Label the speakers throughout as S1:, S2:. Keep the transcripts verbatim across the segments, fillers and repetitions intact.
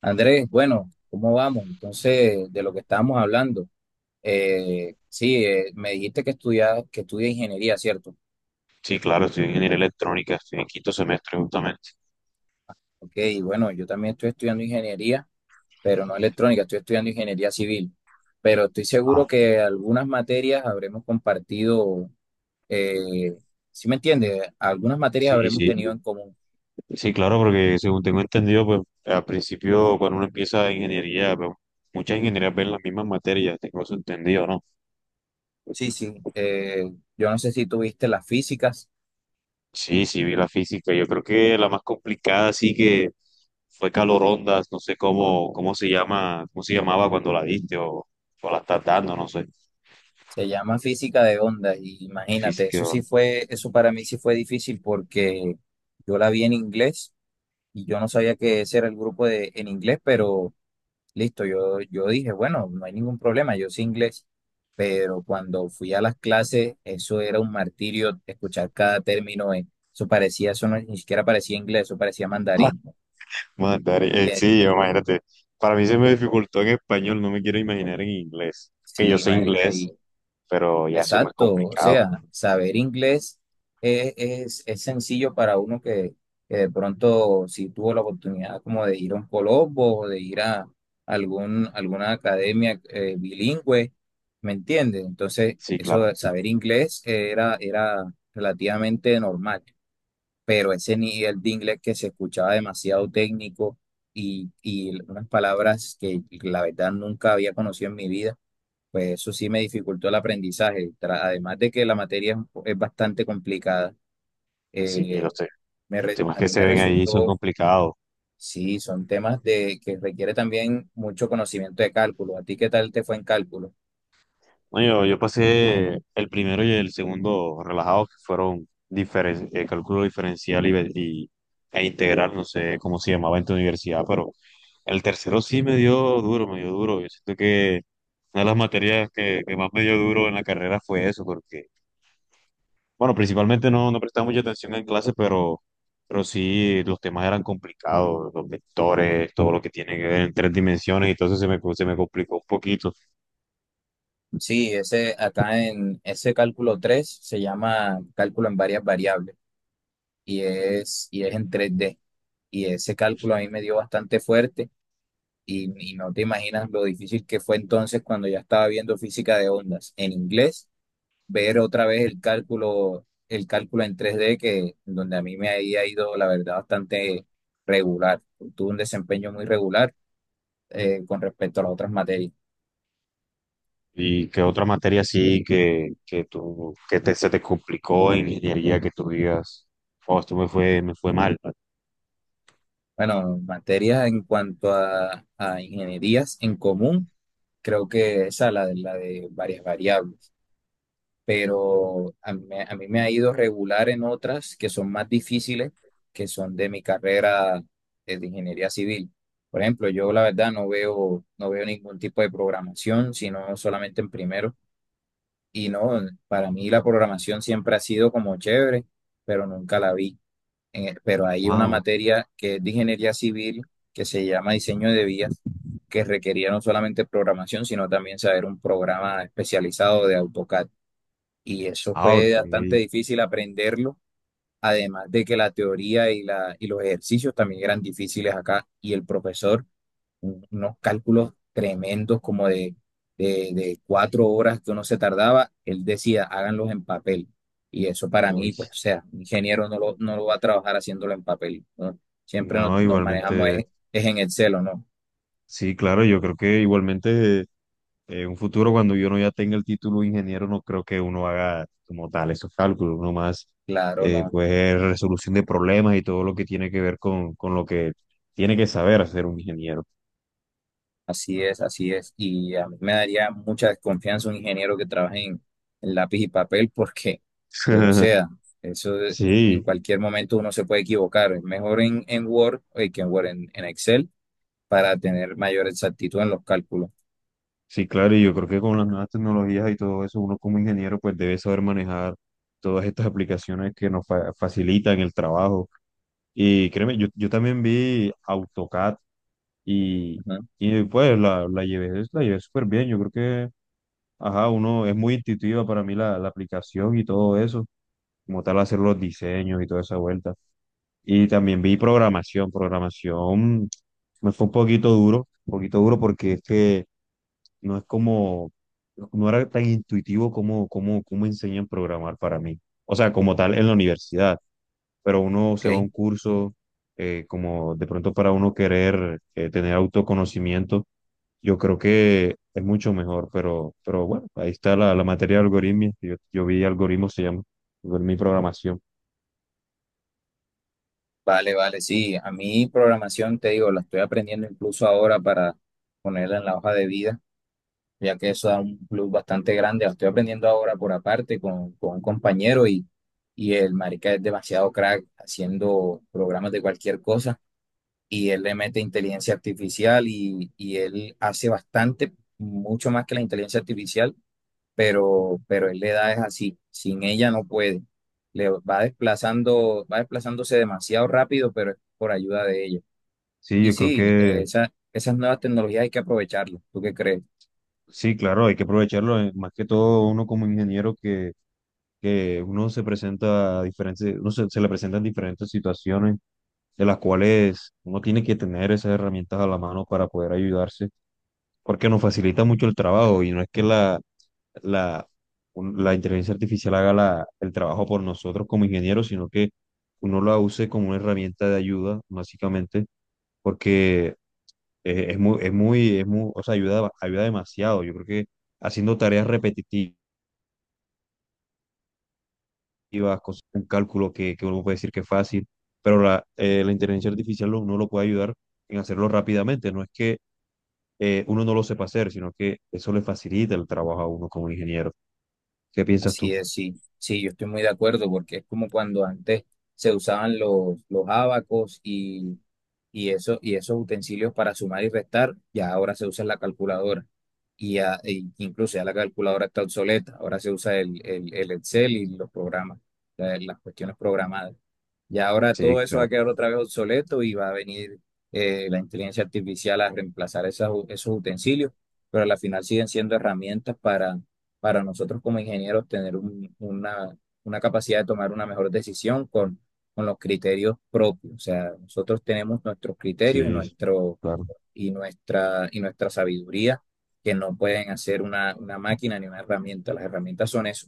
S1: Andrés, bueno, ¿cómo vamos? Entonces, de lo que estábamos hablando, eh, sí, eh, me dijiste que estudias, que estudia ingeniería, ¿cierto?
S2: Sí, claro, estoy en ingeniería electrónica, estoy en quinto semestre justamente.
S1: Ok, y bueno, yo también estoy estudiando ingeniería, pero no electrónica, estoy estudiando ingeniería civil. Pero estoy seguro
S2: Ah,
S1: que algunas materias habremos compartido. eh, ¿sí me entiendes? Algunas materias
S2: sí,
S1: habremos
S2: sí.
S1: tenido en común.
S2: Sí, claro, porque según tengo entendido, pues al principio cuando uno empieza ingeniería, pues, muchas ingenierías ven las mismas materias, tengo eso entendido, ¿no?
S1: Sí, sí. Eh, yo no sé si tuviste las físicas.
S2: Sí, sí, vi la física. Yo creo que la más complicada sí que fue calorondas, no sé cómo, cómo se llama, cómo se llamaba cuando la diste o, o la estás dando, no sé.
S1: Se llama física de ondas y imagínate,
S2: Física.
S1: eso sí fue, eso para mí sí fue difícil porque yo la vi en inglés y yo no sabía que ese era el grupo de en inglés, pero listo, yo, yo dije, bueno, no hay ningún problema, yo sé inglés, pero cuando fui a las clases, eso era un martirio escuchar cada término, eh, eso parecía, eso no- ni siquiera parecía inglés, eso parecía mandarín.
S2: Mandar, eh,
S1: Y,
S2: eh,
S1: eh,
S2: sí, imagínate. Para mí se me dificultó en español, no me quiero imaginar en inglés. Que yo
S1: sí,
S2: sé
S1: marica. y
S2: inglés, pero ya eso es más
S1: Exacto, o
S2: complicado.
S1: sea, saber inglés es, es, es sencillo para uno que, que de pronto si tuvo la oportunidad como de ir a un Colombo o de ir a algún, alguna academia eh, bilingüe, ¿me entiendes? Entonces,
S2: Sí,
S1: eso
S2: claro,
S1: de saber inglés era, era relativamente normal, pero ese nivel de inglés que se escuchaba demasiado técnico y, y unas palabras que la verdad nunca había conocido en mi vida pues eso sí me dificultó el aprendizaje. Tra- Además de que la materia es, un po- es bastante complicada.
S2: sí, lo
S1: eh,
S2: sé.
S1: me
S2: Los
S1: re-
S2: temas
S1: a
S2: que
S1: mí
S2: se
S1: me
S2: ven ahí son
S1: resultó,
S2: complicados.
S1: sí, son temas de que requiere también mucho conocimiento de cálculo. ¿A ti qué tal te fue en cálculo?
S2: No, yo, yo pasé el primero y el segundo relajados, que fueron diferen- eh, cálculo diferencial y, ve- y- e integral, no sé cómo se llamaba en tu universidad, pero el tercero sí me dio duro, me dio duro. Yo siento que una de las materias que, que más me dio duro en la carrera fue eso, porque bueno, principalmente no, no prestaba mucha atención en clase, pero, pero sí los temas eran complicados, los vectores, todo lo que tiene que ver en tres dimensiones, y entonces se me, se me complicó un poquito.
S1: Sí, ese acá en ese cálculo tres se llama cálculo en varias variables y es, y es en tres d. Y ese cálculo a mí me dio bastante fuerte y, y no te imaginas lo difícil que fue entonces cuando ya estaba viendo física de ondas en inglés, ver otra vez el cálculo, el cálculo en tres d, que donde a mí me había ido, la verdad, bastante regular. Tuve un desempeño muy regular eh, con respecto a las otras materias.
S2: ¿Y qué otra materia sí que, que tú, que te, se te complicó en ingeniería que tú digas, oh, esto me fue, me fue mal?
S1: Bueno, materias en cuanto a, a ingenierías en común, creo que esa, la, de- la de varias variables. Pero a mí, me- a mí me ha ido regular en otras que son más difíciles, que son de mi carrera, eh, de ingeniería civil. Por ejemplo, yo la verdad no veo, no veo ningún tipo de programación, sino solamente en primero. Y no, para mí la programación siempre ha sido como chévere, pero nunca la vi. Eh, pero hay una
S2: Wow,
S1: materia que es de ingeniería civil, que se llama diseño de vías, que requería no solamente programación, sino también saber un programa especializado de AutoCAD y eso
S2: ah, ok.
S1: fue bastante difícil aprenderlo, además de que la teoría y, la, y los ejercicios también eran difíciles acá y el profesor, un- unos cálculos tremendos como de, de, de cuatro horas que uno se tardaba, él decía, háganlos en papel. Y eso para
S2: Uy,
S1: mí, pues, o sea, un ingeniero no lo, no lo va a trabajar haciéndolo en papel, ¿no? Siempre nos,
S2: no,
S1: nos manejamos
S2: igualmente.
S1: es, es en Excel, ¿o no?
S2: Sí, claro, yo creo que igualmente en un futuro cuando yo no ya tenga el título de ingeniero, no creo que uno haga como tal esos cálculos, uno más
S1: Claro,
S2: eh,
S1: no.
S2: pues resolución de problemas y todo lo que tiene que ver con, con lo que tiene que saber hacer un ingeniero.
S1: Así es, así es. Y a mí me daría mucha desconfianza un ingeniero que trabaje en, en lápiz y papel porque, pues, o sea, eso es- en
S2: Sí,
S1: cualquier momento uno se puede equivocar. Es mejor en, en Word, eh, que en Word, en, en Excel, para tener mayor exactitud en los cálculos.
S2: sí, claro, y yo creo que con las nuevas tecnologías y todo eso, uno como ingeniero pues debe saber manejar todas estas aplicaciones que nos fa- facilitan el trabajo. Y créeme, yo, yo también vi AutoCAD.
S1: Ujú,
S2: Y pues la, la llevé, la llevé súper bien. Yo creo que, ajá, uno es muy intuitiva para mí la, la aplicación y todo eso, como tal hacer los diseños y toda esa vuelta. Y también vi programación. Programación me fue un poquito duro, un poquito duro porque es que no es como, no era tan intuitivo como, como, como enseñan a programar para mí. O sea, como tal en la universidad, pero uno se va a
S1: ok.
S2: un curso eh, como de pronto para uno querer eh, tener autoconocimiento, yo creo que es mucho mejor, pero, pero bueno, ahí está la, la materia de algoritmos, yo, yo vi algoritmos, se llama, algoritmo y programación.
S1: Vale, vale, sí. A mí programación, te digo, la estoy aprendiendo incluso ahora para ponerla en la hoja de vida, ya que eso da un plus bastante grande. Lo estoy aprendiendo ahora por aparte con, con un compañero y, y el marica es demasiado crack haciendo programas de cualquier cosa y él le mete inteligencia artificial y, y él hace bastante, mucho más que la inteligencia artificial, pero, pero él le da es así, sin ella no puede. Le va desplazando, va desplazándose demasiado rápido, pero es por ayuda de ella.
S2: Sí,
S1: Y
S2: yo creo
S1: sí, eh,
S2: que
S1: esa- esas nuevas tecnologías hay que aprovecharlas. ¿Tú qué crees?
S2: sí, claro, hay que aprovecharlo, eh, más que todo uno como ingeniero que, que uno se presenta a diferentes, uno se, se le presentan diferentes situaciones de las cuales uno tiene que tener esas herramientas a la mano para poder ayudarse, porque nos facilita mucho el trabajo y no es que la la, un- la inteligencia artificial haga la- el trabajo por nosotros como ingenieros, sino que uno la use como una herramienta de ayuda, básicamente, porque eh, es muy, es muy, es muy, o sea, ayuda, ayuda demasiado. Yo creo que haciendo tareas repetitivas, cosas, un cálculo que, que uno puede decir que es fácil, pero la, eh, la inteligencia artificial lo- uno lo puede ayudar en hacerlo rápidamente. No es que eh, uno no lo sepa hacer, sino que eso le facilita el trabajo a uno como ingeniero. ¿Qué piensas tú?
S1: Así es, sí, sí, yo estoy muy de acuerdo porque es como cuando antes se usaban los, los abacos y, y, eso, y esos utensilios para sumar y restar, ya ahora se usa la calculadora y ya, e incluso ya la calculadora está obsoleta, ahora se usa el, el, el Excel y los programas, la- las cuestiones programadas. Ya ahora
S2: Sí,
S1: todo eso va a
S2: claro.
S1: quedar otra vez obsoleto y va a venir eh, la inteligencia artificial a reemplazar esas u- esos utensilios, pero al final siguen siendo herramientas para nosotros como ingenieros tener un- una, una capacidad de tomar una mejor decisión con, con los criterios propios. O sea, nosotros tenemos nuestros criterios y,
S2: Sí,
S1: nuestro,
S2: claro.
S1: y, nuestra, y nuestra sabiduría que no pueden hacer una, una máquina ni una herramienta. Las herramientas son eso.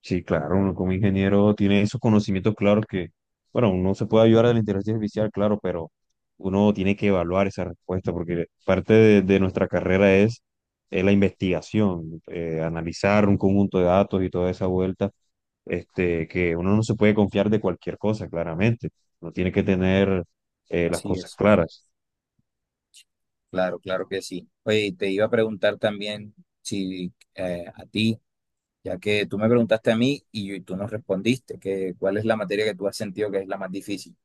S2: Sí, claro, uno como ingeniero tiene esos conocimientos claros que, bueno, uno se puede ayudar de la inteligencia artificial, claro, pero uno tiene que evaluar esa respuesta porque parte de, de nuestra carrera es, es la investigación, eh, analizar un conjunto de datos y toda esa vuelta, este, que uno no se puede confiar de cualquier cosa, claramente. Uno tiene que tener eh, las
S1: Así
S2: cosas
S1: es.
S2: claras.
S1: Claro, claro que sí. Oye, y te iba a preguntar también si eh, a ti, ya que tú me preguntaste a mí y, yo- y tú no respondiste, que, ¿cuál es la materia que tú has sentido que es la más difícil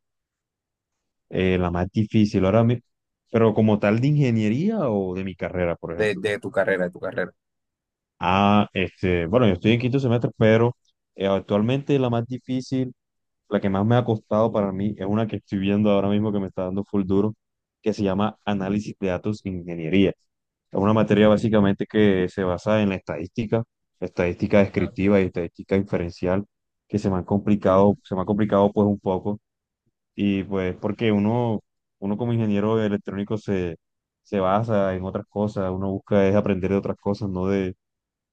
S2: Eh, la más difícil ahora mismo, pero como tal de ingeniería o de mi carrera, por
S1: de,
S2: ejemplo.
S1: de tu carrera, de tu carrera?
S2: Ah, este, bueno, yo estoy en quinto semestre, pero eh, actualmente la más difícil, la que más me ha costado para mí, es una que estoy viendo ahora mismo que me está dando full duro, que se llama Análisis de Datos e Ingeniería. Es una materia básicamente que se basa en la estadística, estadística
S1: Ajá.
S2: descriptiva y estadística inferencial, que se me han complicado,
S1: Ok,
S2: se me ha complicado pues un poco y pues porque uno, uno como ingeniero electrónico se, se basa en otras cosas, uno busca es aprender de otras cosas, no de,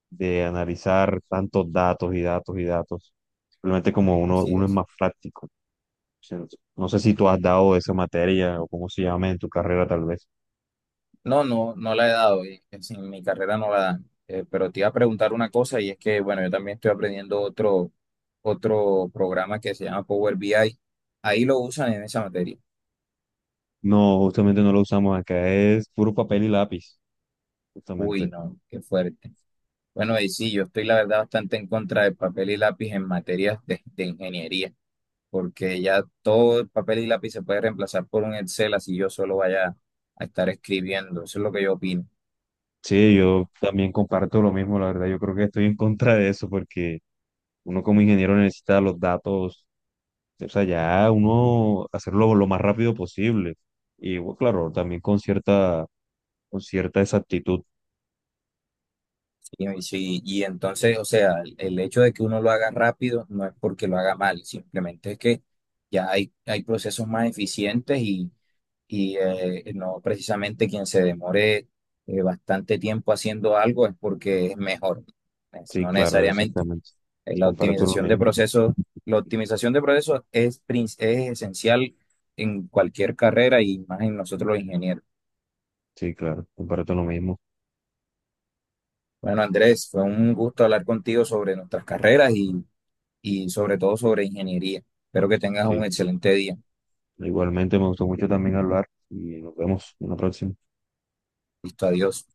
S2: de analizar tantos datos y datos y datos. Simplemente como uno,
S1: sí
S2: uno es
S1: es.
S2: más práctico. ¿Cierto? No sé si tú has dado esa materia o cómo se llama en tu carrera tal vez.
S1: No, no, no la he dado, y es en mi carrera no la dan. Eh, pero te iba a preguntar una cosa y es que, bueno, yo también estoy aprendiendo otro, otro programa que se llama Power B I. Ahí lo usan en esa materia.
S2: No, justamente no lo usamos acá, es puro papel y lápiz,
S1: Uy,
S2: justamente.
S1: no, qué fuerte. Bueno, y sí, yo estoy la verdad bastante en contra de papel y lápiz en materias de, de ingeniería, porque ya todo el papel y lápiz se puede reemplazar por un Excel, así yo solo vaya a estar escribiendo. Eso es lo que yo opino.
S2: Sí, yo también comparto lo mismo, la verdad. Yo creo que estoy en contra de eso porque uno como ingeniero necesita los datos, o sea, ya uno hacerlo lo más rápido posible. Y bueno, claro, también con cierta, con cierta exactitud.
S1: Y, y sí, y entonces, o sea, el, el hecho de que uno lo haga rápido no es porque lo haga mal, simplemente es que ya hay, hay procesos más eficientes y, y, eh, no precisamente quien se demore eh, bastante tiempo haciendo algo es porque es mejor, es-
S2: Sí,
S1: no
S2: claro,
S1: necesariamente.
S2: exactamente.
S1: Eh, La
S2: Comparto lo
S1: optimización de
S2: mismo.
S1: procesos, la optimización de procesos es, prin- es esencial en cualquier carrera y más en nosotros los ingenieros.
S2: Sí, claro, comparto lo mismo.
S1: Bueno, Andrés, fue un gusto hablar contigo sobre nuestras carreras y sobre todo sobre ingeniería. Espero que tengas un
S2: Sí,
S1: excelente día.
S2: igualmente me gustó mucho también hablar y nos vemos en la próxima.
S1: Listo, adiós.